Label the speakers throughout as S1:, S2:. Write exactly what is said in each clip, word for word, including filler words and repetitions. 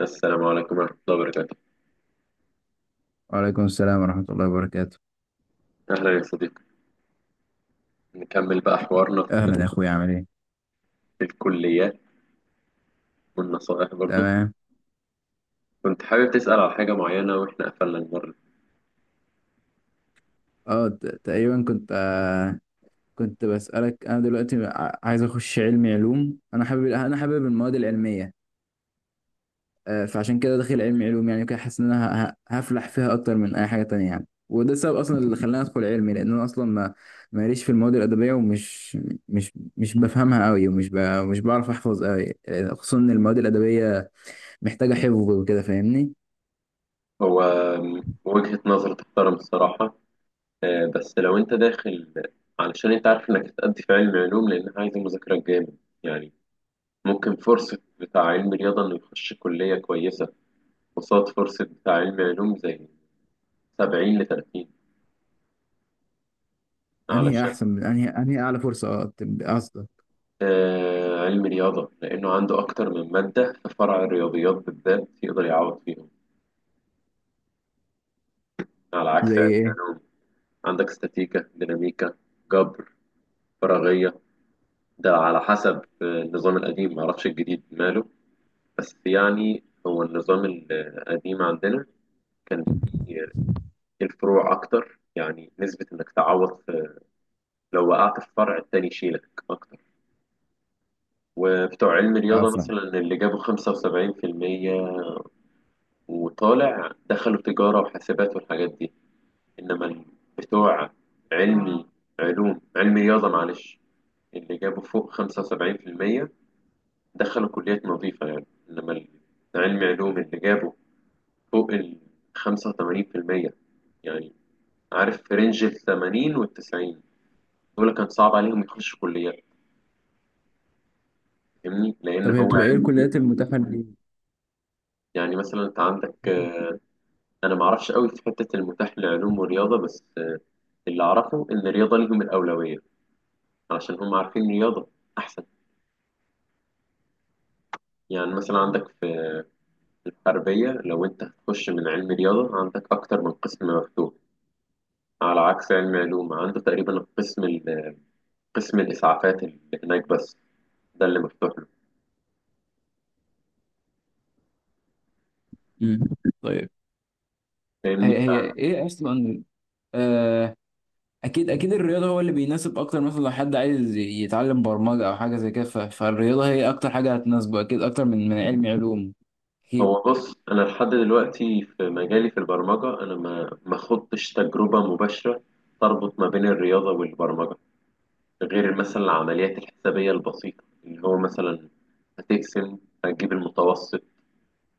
S1: السلام عليكم ورحمة الله وبركاته.
S2: وعليكم السلام ورحمة الله وبركاته.
S1: أهلا يا صديقي، نكمل بقى حوارنا
S2: أهلا يا عليكم، أخويا عامل إيه؟
S1: في الكليات والنصائح برضه.
S2: تمام.
S1: كنت حابب تسأل على حاجة معينة وإحنا قفلنا المرة.
S2: أه ت- تقريبا كنت آه كنت بسألك، أنا دلوقتي ع- عايز أخش علمي علوم، أنا حابب، أنا حابب المواد العلمية. آه فعشان كده داخل علمي علوم، يعني كده حاسس إن أنا ه- ه- هفلح فيها أكتر من أي حاجة تانية يعني، وده السبب أصلا اللي خلاني أدخل علمي، لأن أنا أصلا ما ماليش في المواد الأدبية، ومش مش مش بفهمها أوي، ومش ب... مش بعرف أحفظ أوي، آه، خصوصا إن المواد الأدبية محتاجة حفظ وكده، فاهمني؟
S1: هو م- وجهة نظر تحترم الصراحة. آه، بس لو أنت داخل علشان أنت عارف إنك هتأدي في علم علوم لأنها عايزة مذاكرة جامد يعني. ممكن فرصة بتاع علم رياضة إنه يخش كلية كويسة، قصاد فرصة بتاع علم علوم زي سبعين ل
S2: انهي
S1: تلاتين.
S2: احسن من انهي انهي اعلى فرصه؟ اه، تب- قصدك؟
S1: آه، علم رياضة لأنه عنده أكتر من مادة في فرع الرياضيات بالذات يقدر يعوض فيهم على
S2: زي
S1: عكس علم
S2: ايه؟
S1: علوم. عندك استاتيكا، ديناميكا، جبر، فراغية. ده على حسب. آه، النظام القديم، معرفش الجديد ماله. بس يعني هو النظام القديم عندنا كان فيه الفروع أكتر، يعني نسبة إنك تعوض في، لو وقعت في فرع التاني يشيلك أكتر. وبتوع علم
S2: اه،
S1: رياضة
S2: فاهم.
S1: مثلا اللي جابوا خمسة وسبعين في المية وطالع دخلوا تجارة وحاسبات والحاجات دي. إنما ال- بتوع علمي علوم، علمي رياضة، معلش، اللي جابوا فوق خمسة وسبعين في المية دخلوا كليات نظيفة يعني. إنما ال- علمي علوم اللي جابوا فوق ال خمسة وتمانين في المية، يعني عارف في رينج ال ثمانين وال تسعين، دول كان صعب عليهم يخشوا كليات. فاهمني؟ لأن
S2: طب هي
S1: هو.
S2: بتبقى ايه الكليات المتاحه لي؟
S1: يعني مثلا أنت عندك. آه، أنا معرفش قوي في حتة المتاح لعلوم ورياضة، بس آه، اللي أعرفه إن الرياضة ليهم الأولوية علشان هم عارفين رياضة أحسن. يعني مثلا عندك في الحربية، لو أنت هتخش من علم رياضة عندك أكتر من قسم مفتوح، على عكس علم علوم عنده تقريبا القسم ال- قسم الإسعافات اللي هناك بس، ده اللي مفتوح له.
S2: مم. طيب.
S1: فاهمني؟
S2: هي هي ايه اصلا؟ آه. اكيد اكيد الرياضه هو اللي بيناسب اكتر، مثلا لو حد عايز يتعلم برمجه او حاجه زي كده ف- فالرياضه هي اكتر حاجه هتناسبه، اكيد اكتر من من علم علوم. اكيد.
S1: فهو بص، أنا لحد دلوقتي في مجالي في البرمجة أنا ما ما خضتش تجربة مباشرة تربط ما بين الرياضة والبرمجة، غير مثلا العمليات الحسابية البسيطة اللي هو مثلا هتقسم، هتجيب المتوسط،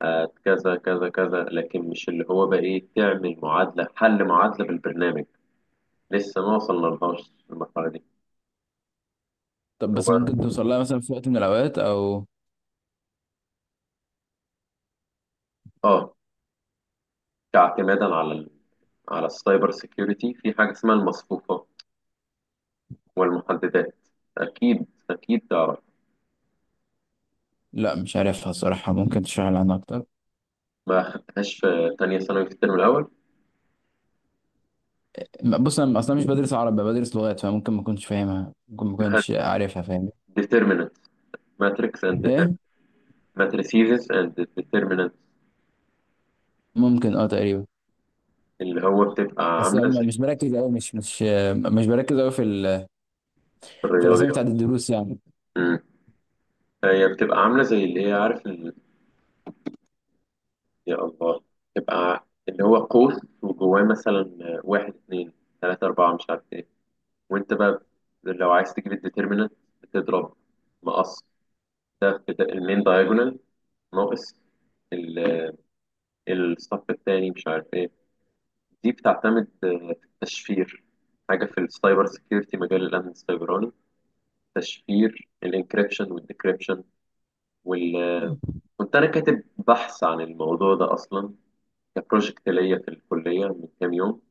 S1: هت كذا كذا كذا، لكن مش اللي هو بقى ايه، تعمل معادلة، حل معادلة بالبرنامج. لسه ما وصلنا لهاش المرحلة دي.
S2: طب بس
S1: هو
S2: ممكن توصل لها مثلا في وقت من الاوقات او...
S1: اه كاعتمادا على ال... على السايبر سيكيورتي في حاجة اسمها المصفوفة والمحددات، أكيد أكيد تعرف.
S2: لا، مش عارفها الصراحه، ممكن تشرح لي عنها اكتر؟
S1: ما خدتهاش في تانية ثانوي في الترم الأول.
S2: م- بص انا اصلا مش بدرس عربي، بدرس لغات، فممكن ما كنتش فاهمها، ممكن ما كنتش عارفها، فاهم؟
S1: ديترمينانت، ماتريكس اند
S2: ايه،
S1: ماتريسيز اند،
S2: ممكن اه تقريبا.
S1: اللي هو بتبقى
S2: بس
S1: عاملة
S2: م-
S1: زي
S2: مش بركز قوي مش مش آه، مش بركز قوي في ال... في الاسامي
S1: الرياضيات.
S2: بتاعت الدروس يعني.
S1: مم. هي بتبقى عاملة زي اللي هي، عارف ال... يا الله، بتبقى اللي هو قوس وجواه مثلا واحد اتنين تلاتة أربعة مش عارف ايه. وانت بقى لو عايز تجيب الديترمينانت بتضرب مقص، ده بت- المين دايجونال ناقص ال- الصف التاني مش عارف ايه. دي بتعتمد آه، في التشفير، حاجة في السايبر سيكيورتي، مجال الأمن السيبراني. تشفير الانكريبشن والديكريبشن وال كنت أنا كاتب بحث عن الموضوع ده أصلا كبروجكت ليا في الكلية من كام يوم.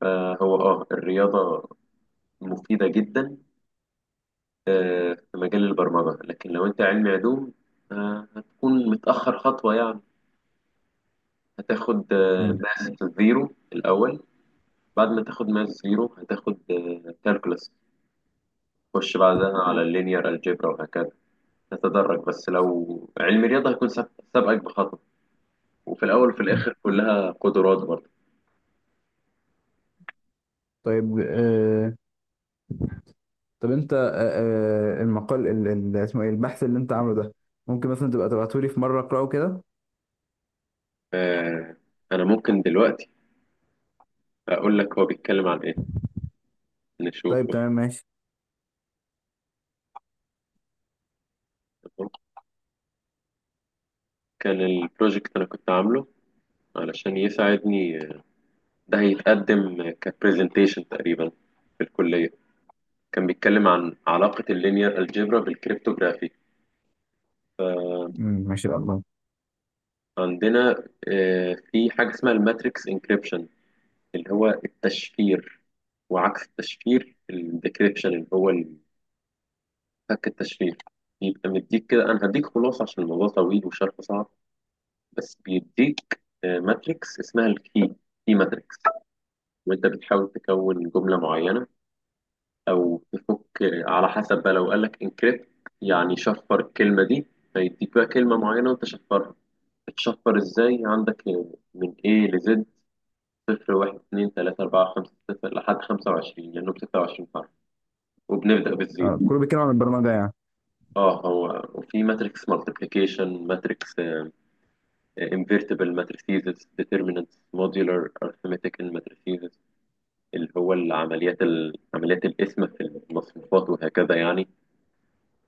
S1: فهو آه الرياضة مفيدة جدا آه، في مجال البرمجة، لكن لو أنت علمي علوم آه، هتكون متأخر خطوة يعني. هتاخد آه،
S2: مم.
S1: ماس زيرو الأول. بعد ما تاخد ماس زيرو هتاخد كالكولس، تخش بعدها على اللينير الجبرا وهكذا، تتدرج. بس لو علم رياضة هيكون سابق- سابقك بخطوة. وفي الأول وفي الآخر كلها قدرات برضه.
S2: طيب. آه طب انت، آه آه، المقال ال- ال- اسمه ايه، البحث اللي انت عامله ده؟ ممكن مثلا تبقى تبعته لي في مره اقراه كده؟
S1: آه انا ممكن دلوقتي اقول لك هو بيتكلم عن ايه، نشوفه.
S2: طيب، تمام، ماشي.
S1: تمام؟ كان البروجكت انا كنت عامله علشان يساعدني، ده هيتقدم كبرزنتيشن تقريبا في الكلية. كان بيتكلم عن علاقة اللينير الجبرا بالكريبتوغرافي.
S2: مم، ماشي الله.
S1: عندنا آه، في حاجة اسمها الماتريكس انكريبشن، اللي هو التشفير، وعكس التشفير الديكريبشن اللي هو فك التشفير. يبقى مديك كده، انا هديك خلاصة عشان الموضوع طويل وشرحه صعب. بس بيديك آه، ماتريكس اسمها الكي، كي ماتريكس. وانت بتحاول تكون جمله معينه او تفك آه، على حسب بقى. لو قال لك انكريبت يعني شفر الكلمه دي. فيديك بقى كلمه معينه وانت شفرها. بتشفر ازاي؟ عندك آه، من A ل Z، صفر واحد اتنين تلاتة أربعة خمسة ستة لحد خمسة وعشرين، لأنه بستة وعشرين حرف، وبنبدأ بالزيرو.
S2: آه كله بيتكلم عن البرمجه يعني.
S1: اه، هو وفي ماتريكس مالتيبليكيشن، ماتريكس، انفيرتبل ماتريسيز، ديترمينانتس، موديولار ارثماتيك ماتريسيز، اللي هو العمليات ال- عمليات القسم في المصفوفات وهكذا يعني.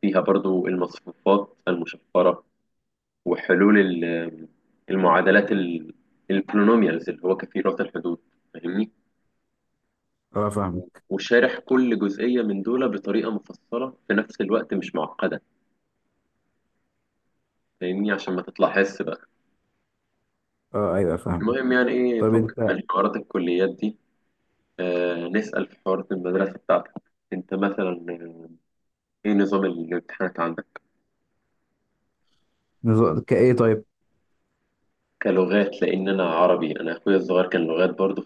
S1: فيها برضو المصفوفات المشفرة وحلول ال- المعادلات ال- البولينوميالز اللي هو كثيرات الحدود. فاهمني؟
S2: اه، فاهم.
S1: وشارح كل جزئية من دول بطريقة مفصلة، في نفس الوقت مش معقدة. فاهمني؟ عشان ما تطلع حس بقى.
S2: اه، ايوه، فاهم.
S1: المهم، يعني ايه،
S2: طيب
S1: فك
S2: انت،
S1: من حوارات الكليات دي. آه نسأل في حوارات المدرسة بتاعتك. انت مثلا آه، ايه نظام الامتحانات عندك
S2: نظ- كايه طيب.
S1: كلغات؟ لأن أنا عربي، أنا أخويا الصغير كان لغات برضه،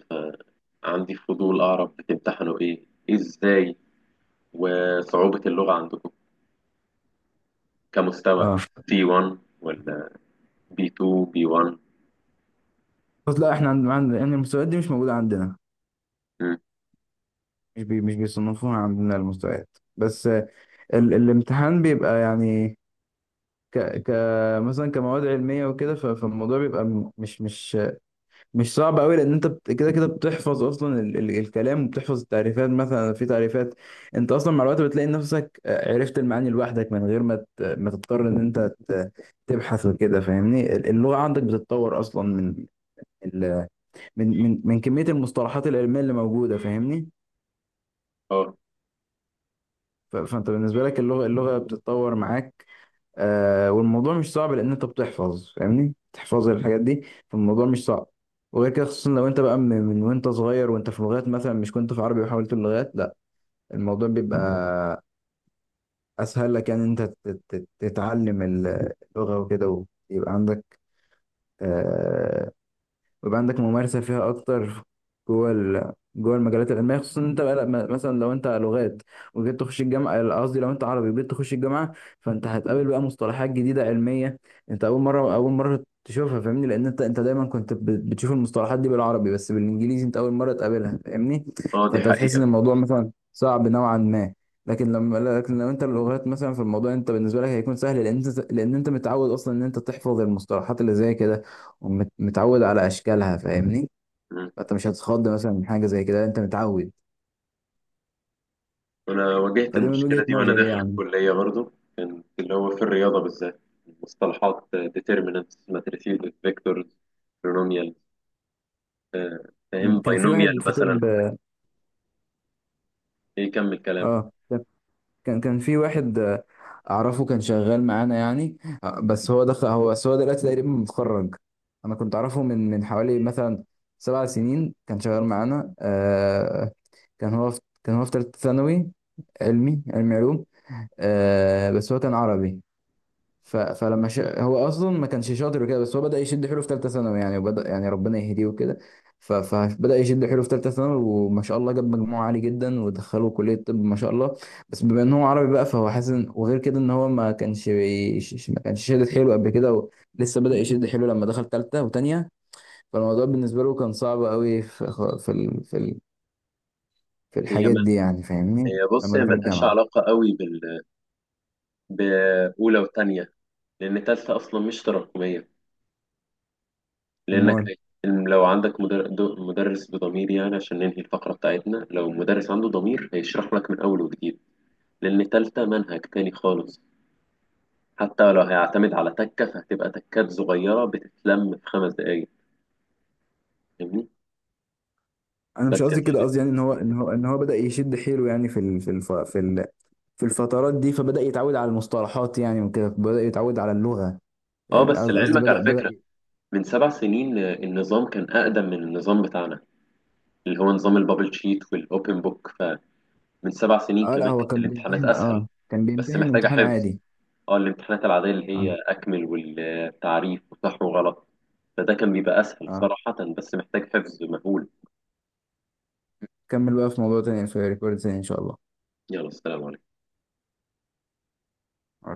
S1: فعندي فضول أعرف بتمتحنوا إيه إزاي، وصعوبة اللغة عندكم كمستوى
S2: اه،
S1: سي وان ولا بي تو بي وان؟
S2: بس لا، احنا عندنا عند... يعني المستويات دي مش موجوده عندنا.
S1: مم.
S2: مش بي... مش بيصنفوها عندنا المستويات. بس ال الامتحان بيبقى يعني، ك ك مثلا كمواد علميه وكده، ف- فالموضوع بيبقى م- مش مش مش صعب قوي، لان انت بت- كده كده بتحفظ اصلا ال ال الكلام، وبتحفظ التعريفات، مثلا في تعريفات انت اصلا مع الوقت بتلاقي نفسك آه، عرفت المعاني لوحدك من غير ما ت- ما تضطر ان انت ت- تبحث وكده فاهمني. ال- اللغه عندك بتتطور اصلا من ال من من من كميه المصطلحات العلميه اللي موجوده فاهمني.
S1: اه،
S2: ف- فانت بالنسبه لك، اللغه اللغه بتتطور معاك. آه والموضوع مش صعب، لان انت بتحفظ، فاهمني، بتحفظ الحاجات دي، فالموضوع مش صعب. وغير كده خصوصا لو انت بقى من, من وانت صغير، وانت في لغات، مثلا مش كنت في عربي وحاولت اللغات. لا، الموضوع بيبقى اسهل لك يعني، انت تت- تت- تتعلم اللغة وكده. ويبقى عندك آه، ويبقى عندك ممارسة فيها أكتر جوه ال... جوه المجالات العلمية، خصوصا إن أنت بقى لما- مثلا لو أنت لغات وجيت تخش الجامعة، قصدي لو أنت عربي وجيت تخش الجامعة. فأنت هتقابل بقى مصطلحات جديدة علمية، أنت أول مرة أول مرة تشوفها فاهمني، لأن أنت أنت دايما كنت ب- بتشوف المصطلحات دي بالعربي، بس بالإنجليزي أنت أول مرة تقابلها فاهمني.
S1: اه دي
S2: فأنت هتحس إن
S1: حقيقة.
S2: الموضوع مثلا صعب نوعا ما. لكن لما لكن لو انت اللغات مثلا في الموضوع انت بالنسبه لك هيكون سهل، لان انت لان انت متعود اصلا ان انت تحفظ المصطلحات اللي زي كده، ومتعود على اشكالها فاهمني.
S1: مم.
S2: فانت مش هتتخض مثلا من حاجه زي كده، انت متعود.
S1: أنا واجهت
S2: فدي من وجهه
S1: المشكلة دي وأنا
S2: نظري
S1: داخل
S2: يعني.
S1: الكلية برضه، اللي هو في الرياضة بالذات مصطلحات determinants, matrices, vectors, polynomials. آه،
S2: م،
S1: فاهم
S2: كان في واحد
S1: binomial
S2: في
S1: مثلا.
S2: طب.
S1: إيه، كمل كلام.
S2: اه، كان كان في واحد، آه، اعرفه، كان شغال معانا يعني. آه، بس هو دخل هو بس هو دلوقتي تقريبا متخرج. انا كنت اعرفه من من حوالي مثلا سبع سنين، كان شغال معانا. آه كان هو في كان هو في ثالثه ثانوي، علمي علمي علوم. آه بس هو كان عربي. ف... فلما ش... هو اصلا ما كانش شاطر وكده، بس هو بدأ يشد حيله في ثالثه ثانوي يعني، وبدأ يعني ربنا يهديه وكده. ف... فبدأ يشد حيله في ثالثه ثانوي، وما شاء الله جاب مجموع عالي جدا ودخله كلية طب ما شاء الله. بس بما ان هو عربي بقى فهو حاسس إن- وغير كده ان هو ما كانش بيش... ما كانش شادد حيله قبل كده و... لسه بدأ يشد حيله لما دخل ثالثه وثانيه. فالموضوع بالنسبة له كان صعب قوي في في ال... في ال... في
S1: هي
S2: الحاجات
S1: ما
S2: دي يعني فاهمني،
S1: هي بص،
S2: لما
S1: هي
S2: دخل
S1: ملهاش
S2: الجامعة.
S1: علاقة قوي بأولى وتانية، لأن تالتة أصلا مش تراكمية، لأنك
S2: امال،
S1: هي- لو عندك مدر- دو- مدرس بضمير يعني، عشان ننهي الفقرة بتاعتنا، لو مدرس عنده ضمير هيشرح لك من أول وجديد. لأن تالتة منهج تاني خالص. حتى لو هيعتمد على تكة فهتبقى تكات صغيرة بتتلم في خمس دقايق. فاهمني؟
S2: انا مش
S1: بس يا
S2: قصدي كده،
S1: سيدي.
S2: قصدي يعني ان هو ان هو ان هو بدأ يشد حيله يعني في ال- في الف... في ال... في الفترات دي، فبدأ يتعود على المصطلحات يعني، وكده بدأ يتعود على اللغة.
S1: اه
S2: يعني
S1: بس
S2: قصد- قصدي
S1: لعلمك
S2: بدأ
S1: على
S2: بدأ
S1: فكرة، من سبع سنين آه، النظام كان أقدم من النظام بتاعنا اللي هو نظام البابل شيت والأوبن بوك، فمن سبع سنين
S2: اه، لا،
S1: كمان
S2: هو
S1: كانت
S2: كان
S1: الامتحانات
S2: بيمتحن
S1: أسهل.
S2: اه كان
S1: بس
S2: بيمتحن
S1: محتاجة
S2: امتحان
S1: حفظ.
S2: عادي.
S1: اه الامتحانات العادية اللي
S2: اه.
S1: هي أكمل والتعريف وصح وغلط، فده كان بيبقى أسهل
S2: اه،
S1: صراحة، بس محتاج حفظ مهول.
S2: كمل بقى في موضوع تاني في ريكورد تاني ان شاء الله.
S1: يلا، السلام عليكم.